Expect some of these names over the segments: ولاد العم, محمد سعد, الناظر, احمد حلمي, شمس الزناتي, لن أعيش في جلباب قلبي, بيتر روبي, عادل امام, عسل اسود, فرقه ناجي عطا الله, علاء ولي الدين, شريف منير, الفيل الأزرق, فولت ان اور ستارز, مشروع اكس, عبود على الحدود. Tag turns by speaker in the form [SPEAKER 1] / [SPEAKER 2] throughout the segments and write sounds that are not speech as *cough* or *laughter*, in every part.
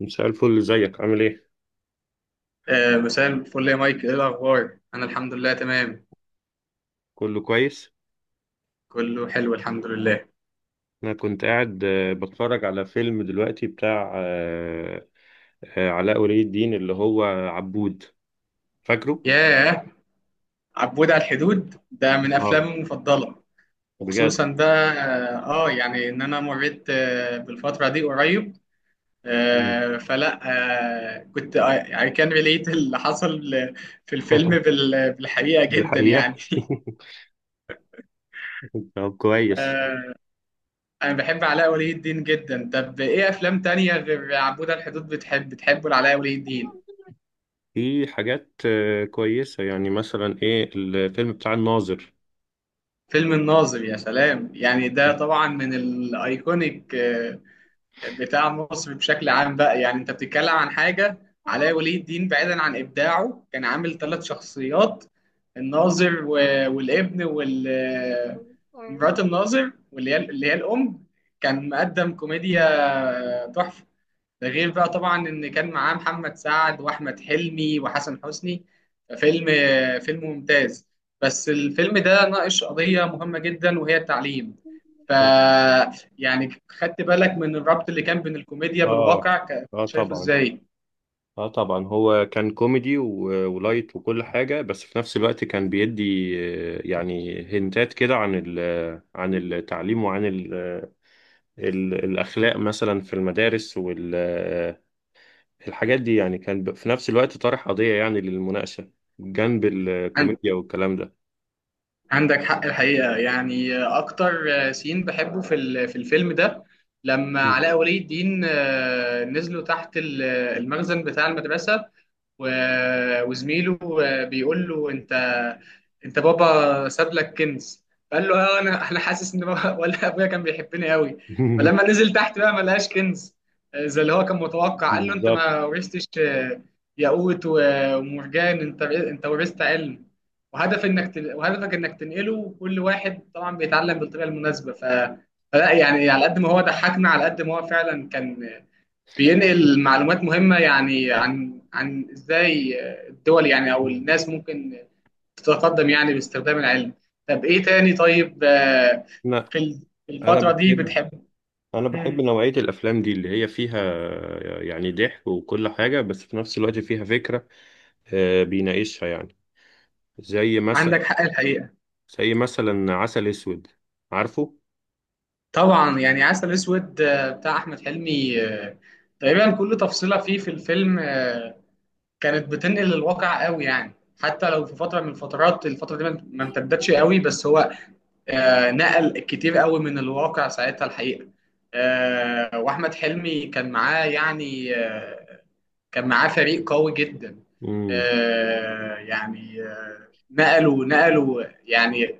[SPEAKER 1] مساء الفل، ازيك؟ عامل ايه؟
[SPEAKER 2] مساء الفل يا مايك، ايه الاخبار؟ انا الحمد لله تمام.
[SPEAKER 1] كله كويس.
[SPEAKER 2] كله حلو الحمد لله.
[SPEAKER 1] انا كنت قاعد بتفرج على فيلم دلوقتي بتاع علاء ولي الدين اللي هو عبود. فاكره؟
[SPEAKER 2] ياه، عبود على الحدود ده من
[SPEAKER 1] اه،
[SPEAKER 2] افلامي المفضله.
[SPEAKER 1] بجد.
[SPEAKER 2] وخصوصا بقى يعني ان انا مريت بالفتره دي قريب،
[SPEAKER 1] مم.
[SPEAKER 2] فلا كنت، كان ريليت اللي حصل في الفيلم بالحقيقه جدا
[SPEAKER 1] بالحقيقة.
[SPEAKER 2] يعني.
[SPEAKER 1] *laughs* طب
[SPEAKER 2] *laughs*
[SPEAKER 1] كويس.
[SPEAKER 2] آه، انا بحب علاء ولي الدين جدا. طب ايه افلام تانية غير عبود على الحدود بتحبه لعلاء ولي الدين؟
[SPEAKER 1] في حاجات كويسة، يعني مثلا ايه الفيلم بتاع الناظر.
[SPEAKER 2] فيلم الناظر، يا سلام، يعني ده طبعا من الايكونيك بتاع مصر بشكل عام بقى. يعني انت بتتكلم عن حاجه، علاء ولي الدين بعيدا عن ابداعه كان عامل 3 شخصيات: الناظر والابن وال آه، مرات الناظر، واللي هي الام. كان مقدم كوميديا تحفه. ده غير بقى طبعا ان كان معاه محمد سعد واحمد حلمي وحسن حسني. فيلم فيلم ممتاز. بس الفيلم ده ناقش قضية مهمة جدا وهي التعليم. ف يعني خدت بالك من الربط اللي كان بين الكوميديا
[SPEAKER 1] اه،
[SPEAKER 2] بالواقع،
[SPEAKER 1] اه
[SPEAKER 2] شايفه
[SPEAKER 1] طبعا.
[SPEAKER 2] ازاي؟
[SPEAKER 1] اه طبعا، هو كان كوميدي ولايت وكل حاجة، بس في نفس الوقت كان بيدي يعني هنتات كده عن عن التعليم وعن الأخلاق مثلا في المدارس والحاجات دي، يعني كان في نفس الوقت طرح قضية يعني للمناقشة جنب الكوميديا والكلام ده.
[SPEAKER 2] عندك حق الحقيقة. يعني أكتر سين بحبه في الفيلم ده، لما
[SPEAKER 1] مم.
[SPEAKER 2] علاء ولي الدين نزلوا تحت المخزن بتاع المدرسة، وزميله بيقول له: أنت، بابا ساب لك كنز. فقال له: أنا، حاسس إن بابا *laughs* ولا أبويا كان بيحبني قوي. فلما
[SPEAKER 1] *laughs*
[SPEAKER 2] نزل تحت بقى ما لقاش كنز زي اللي هو كان متوقع، قال له: أنت
[SPEAKER 1] بالظبط.
[SPEAKER 2] ما ورثتش ياقوت ومرجان، أنت، ورثت علم، وهدفك انك تنقله. وكل واحد طبعا بيتعلم بالطريقه المناسبه. فلا يعني، على قد ما هو ضحكنا، على قد ما هو فعلا كان بينقل معلومات مهمه، يعني عن ازاي الدول يعني، او
[SPEAKER 1] مم.
[SPEAKER 2] الناس، ممكن تتقدم يعني باستخدام العلم. طب ايه تاني؟ طيب،
[SPEAKER 1] لا.
[SPEAKER 2] في ال- في
[SPEAKER 1] أنا
[SPEAKER 2] الفتره دي
[SPEAKER 1] بحب
[SPEAKER 2] بتحب؟
[SPEAKER 1] أنا
[SPEAKER 2] مم.
[SPEAKER 1] بحب نوعية الأفلام دي اللي هي فيها يعني ضحك وكل حاجة، بس في نفس الوقت فيها فكرة بيناقشها يعني. زي مثلا
[SPEAKER 2] عندك حق الحقيقه.
[SPEAKER 1] زي مثلا عسل اسود. عارفه؟
[SPEAKER 2] طبعا يعني، عسل اسود بتاع احمد حلمي، تقريبا كل تفصيله فيه في الفيلم كانت بتنقل الواقع قوي يعني. حتى لو في فتره من الفترات، الفتره دي ما امتدتش قوي، بس هو نقل كتير قوي من الواقع ساعتها الحقيقه. واحمد حلمي كان معاه فريق قوي جدا.
[SPEAKER 1] امم.
[SPEAKER 2] يعني نقلوا يعني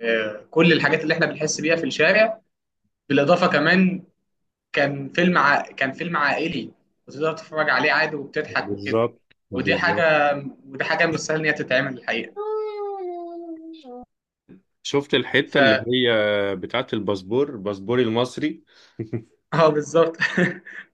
[SPEAKER 2] كل الحاجات اللي احنا بنحس بيها في الشارع. بالاضافه كمان، كان فيلم عائلي، وتقدر تتفرج عليه عادي وبتضحك وكده.
[SPEAKER 1] بالظبط،
[SPEAKER 2] ودي
[SPEAKER 1] بالظبط.
[SPEAKER 2] حاجة ودي حاجة مش سهل إن هي تتعمل الحقيقة.
[SPEAKER 1] شفت الحتة
[SPEAKER 2] ف
[SPEAKER 1] اللي هي بتاعت الباسبور، باسبوري المصري. *laughs*
[SPEAKER 2] اه، بالظبط. *laughs*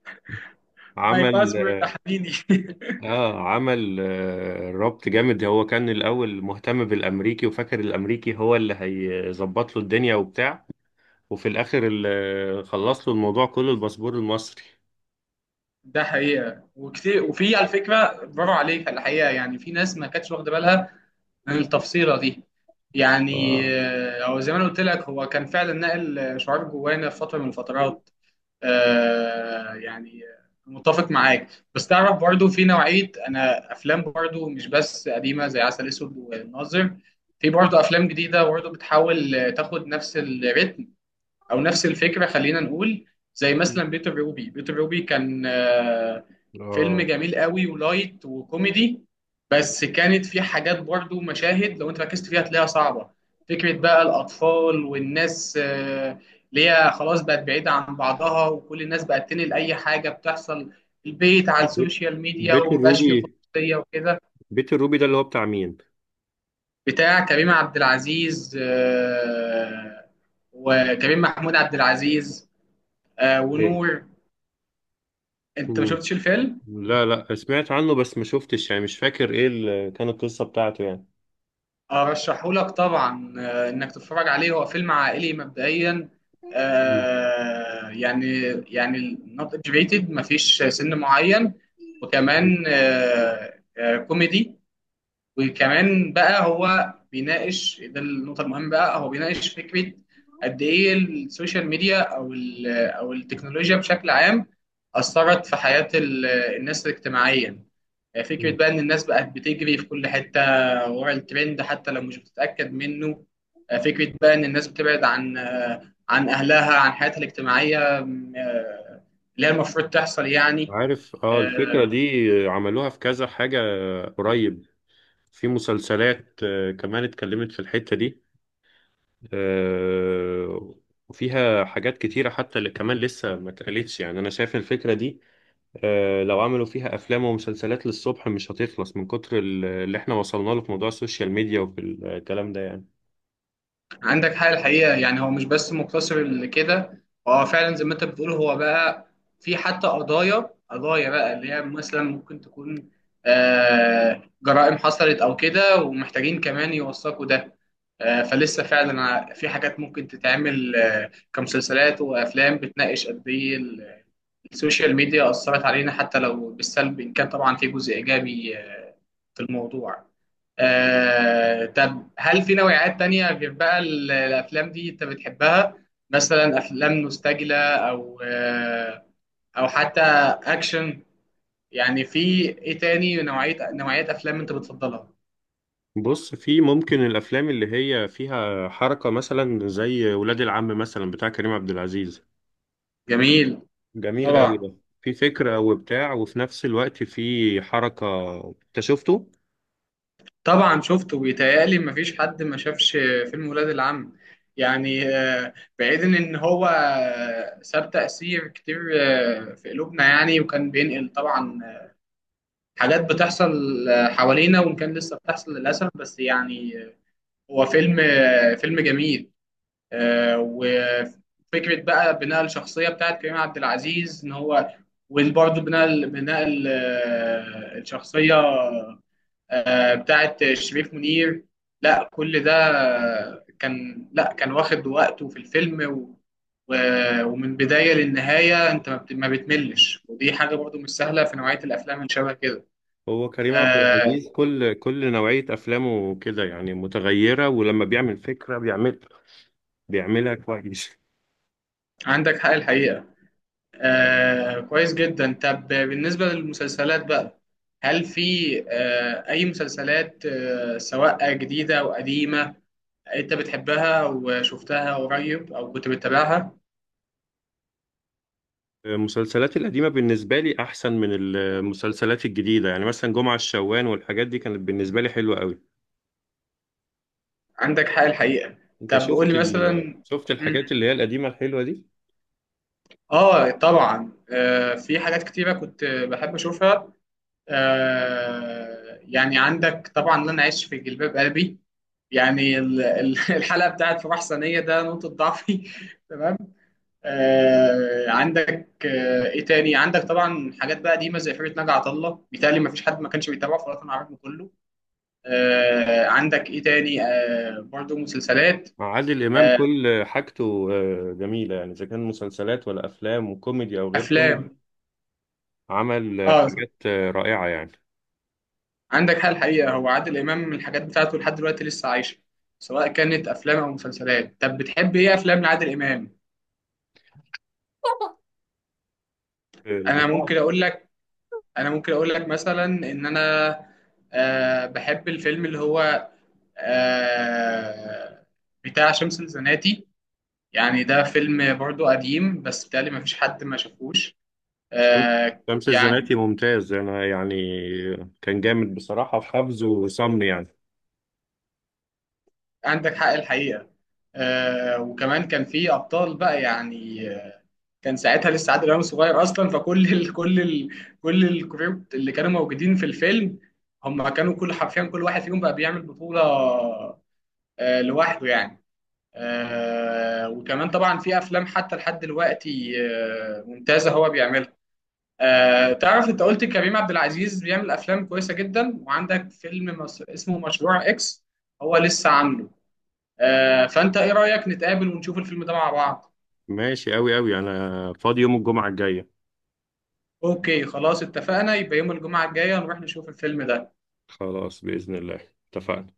[SPEAKER 2] ماي
[SPEAKER 1] عمل
[SPEAKER 2] باسورد ده حبيبي. *laughs*
[SPEAKER 1] اه، عمل ربط جامد. هو كان الاول مهتم بالامريكي وفاكر الامريكي هو اللي هيظبط له الدنيا وبتاع، وفي الاخر اللي خلص له الموضوع كله الباسبور المصري.
[SPEAKER 2] ده حقيقة، وكتير، وفي على فكرة برافو عليك الحقيقة. يعني في ناس ما كانتش واخدة بالها من التفصيلة دي. يعني
[SPEAKER 1] اه.
[SPEAKER 2] هو زي ما انا قلت لك، هو كان فعلا نقل شعار جوانا في فترة من الفترات. يعني متفق معاك. بس تعرف، برضو في نوعية أنا أفلام برضو مش بس قديمة زي عسل أسود والناظر، في برضو أفلام جديدة برضو بتحاول تاخد نفس الريتم او نفس الفكره خلينا نقول. زي مثلا بيتر روبي كان فيلم
[SPEAKER 1] اه،
[SPEAKER 2] جميل قوي ولايت وكوميدي، بس كانت فيه حاجات، برضو مشاهد لو انت ركزت فيها هتلاقيها صعبه. فكره بقى الاطفال والناس اللي هي خلاص بقت بعيده عن بعضها، وكل الناس بقت تنقل اي حاجه بتحصل في البيت على
[SPEAKER 1] بيت
[SPEAKER 2] السوشيال ميديا،
[SPEAKER 1] بيت
[SPEAKER 2] ومبقاش فيه
[SPEAKER 1] الروبي
[SPEAKER 2] خصوصيه وكده.
[SPEAKER 1] بيت الروبي ده اللي هو بتاع مين؟
[SPEAKER 2] بتاع كريم عبد العزيز، وكريم محمود عبد العزيز، ونور. انت ما
[SPEAKER 1] ايه.
[SPEAKER 2] شفتش الفيلم؟
[SPEAKER 1] لا، لا، سمعت عنه بس ما شفتش، يعني مش فاكر ايه اللي كانت القصة بتاعته يعني.
[SPEAKER 2] ارشحه لك طبعا انك تتفرج عليه. هو فيلم عائلي مبدئيا،
[SPEAKER 1] مم.
[SPEAKER 2] يعني نوت اجبيتد، ما فيش سن معين،
[SPEAKER 1] مم.
[SPEAKER 2] وكمان كوميدي. وكمان بقى هو بيناقش، ده النقطة المهمة بقى، هو بيناقش فكرة قد إيه السوشيال ميديا أو التكنولوجيا بشكل عام أثرت في حياة الناس اجتماعيا. فكرة
[SPEAKER 1] مم.
[SPEAKER 2] بقى إن الناس بقت بتجري في كل حتة ورا الترند حتى لو مش بتتأكد منه. فكرة بقى إن الناس بتبعد عن أهلها، عن حياتها الاجتماعية اللي هي المفروض تحصل يعني.
[SPEAKER 1] عارف، اه الفكرة
[SPEAKER 2] آه،
[SPEAKER 1] دي عملوها في كذا حاجة قريب. في مسلسلات كمان اتكلمت في الحتة دي. آه، وفيها حاجات كتيرة حتى اللي كمان لسه ما اتقالتش، يعني أنا شايف الفكرة دي لو عملوا فيها أفلام ومسلسلات للصبح مش هتخلص من كتر اللي احنا وصلنا له في موضوع السوشيال ميديا وفي الكلام ده يعني.
[SPEAKER 2] عندك حق الحقيقة. يعني هو مش بس مقتصر لكده، هو فعلا زي ما انت بتقول. هو بقى في حتى قضايا، قضايا بقى اللي هي مثلا ممكن تكون جرائم حصلت او كده، ومحتاجين كمان يوثقوا ده. فلسه فعلا، في حاجات ممكن تتعمل كمسلسلات وافلام بتناقش قد ايه السوشيال ميديا اثرت علينا، حتى لو بالسلب، ان كان طبعا في جزء ايجابي في الموضوع. طب هل في نوعيات تانية غير بقى الأفلام دي أنت بتحبها؟ مثلا أفلام مستعجلة أو حتى أكشن، يعني في إيه تاني نوعيات أفلام أنت بتفضلها؟
[SPEAKER 1] بص، في ممكن الافلام اللي هي فيها حركه، مثلا زي ولاد العم مثلا بتاع كريم عبد العزيز.
[SPEAKER 2] جميل.
[SPEAKER 1] جميل قوي
[SPEAKER 2] طبعا،
[SPEAKER 1] ده. في فكره وبتاع، وفي نفس الوقت في حركه. انت شفته؟
[SPEAKER 2] طبعا شفته، ويتهيألي مفيش حد ما شافش فيلم ولاد العم. يعني بعيدا إن هو ساب تأثير كتير في قلوبنا يعني، وكان بينقل طبعا حاجات بتحصل حوالينا، وإن كان لسه بتحصل للأسف، بس يعني هو فيلم جميل. وفكرة بقى بناء الشخصية بتاعت كريم عبد العزيز إن هو، وبرضه بناء الشخصية بتاعت شريف منير. لا، كل ده كان، لا كان واخد وقته في الفيلم، ومن بداية للنهاية انت ما بتملش، ودي حاجة برضو مش سهلة في نوعية الافلام اللي شبه كده.
[SPEAKER 1] هو كريم عبد
[SPEAKER 2] آه،
[SPEAKER 1] العزيز كل نوعيه افلامه كده يعني متغيره، ولما بيعمل فكره بيعمل بيعملها كويس.
[SPEAKER 2] عندك حق الحقيقة. كويس جدا. طب بالنسبة للمسلسلات بقى، هل في أي مسلسلات سواء جديدة أو قديمة أنت بتحبها وشفتها قريب أو كنت بتتابعها؟
[SPEAKER 1] المسلسلات القديمه بالنسبه لي احسن من المسلسلات الجديده، يعني مثلا جمعه الشوان والحاجات دي كانت بالنسبه لي حلوه قوي.
[SPEAKER 2] عندك حق الحقيقة.
[SPEAKER 1] انت
[SPEAKER 2] طب قول
[SPEAKER 1] شفت
[SPEAKER 2] لي مثلا.
[SPEAKER 1] شفت
[SPEAKER 2] مم.
[SPEAKER 1] الحاجات اللي هي القديمه الحلوه دي؟
[SPEAKER 2] طبعا، في حاجات كتيرة كنت بحب أشوفها يعني. عندك طبعا لن أعيش في جلباب قلبي، يعني *laughs* الحلقه بتاعت في محسنيه ده نقطه ضعفي. *laughs* تمام. عندك، ايه تاني؟ عندك طبعا حاجات بقى قديمه زي فرقه ناجي عطا الله، بيتهيألي ما فيش حد ما كانش بيتابعه في الوطن العربي كله. عندك ايه تاني؟ برضو مسلسلات،
[SPEAKER 1] مع عادل إمام
[SPEAKER 2] آه
[SPEAKER 1] كل حاجته جميلة، يعني إذا كان مسلسلات ولا أفلام، وكوميدي أو غير كوميدي.
[SPEAKER 2] افلام.
[SPEAKER 1] عمل
[SPEAKER 2] اه،
[SPEAKER 1] حاجات رائعة يعني.
[SPEAKER 2] عندك حال الحقيقه، هو عادل امام الحاجات بتاعته لحد دلوقتي لسه عايشه، سواء كانت افلام او مسلسلات. طب بتحب ايه افلام لعادل امام؟ انا
[SPEAKER 1] البتاع
[SPEAKER 2] ممكن اقول لك انا ممكن اقول لك مثلا ان انا بحب الفيلم اللي هو آه بتاع شمس الزناتي. يعني ده فيلم برضو قديم، بس بتهيألي ما فيش حد ما شافوش. آه
[SPEAKER 1] شمس
[SPEAKER 2] يعني
[SPEAKER 1] الزناتي ممتاز، أنا يعني كان جامد بصراحة، في حفظه وصمني يعني.
[SPEAKER 2] عندك حق الحقيقة. وكمان كان في ابطال بقى، يعني كان ساعتها لسه عادل امام صغير اصلا، فكل ال كل ال كل الكروب اللي كانوا موجودين في الفيلم، هم كانوا كل، حرفيا كل واحد فيهم بقى بيعمل بطولة لوحده يعني. وكمان طبعا في افلام حتى لحد دلوقتي ممتازه هو بيعملها. تعرف، انت قلت كريم عبد العزيز بيعمل افلام كويسه جدا، وعندك فيلم اسمه مشروع اكس، هو لسه عامله. فانت ايه رايك نتقابل ونشوف الفيلم ده مع بعض؟
[SPEAKER 1] ماشي، أوي أوي أنا فاضي يوم الجمعة الجاية.
[SPEAKER 2] اوكي، خلاص اتفقنا، يبقى يوم الجمعه الجايه نروح نشوف الفيلم ده.
[SPEAKER 1] خلاص، بإذن الله اتفقنا.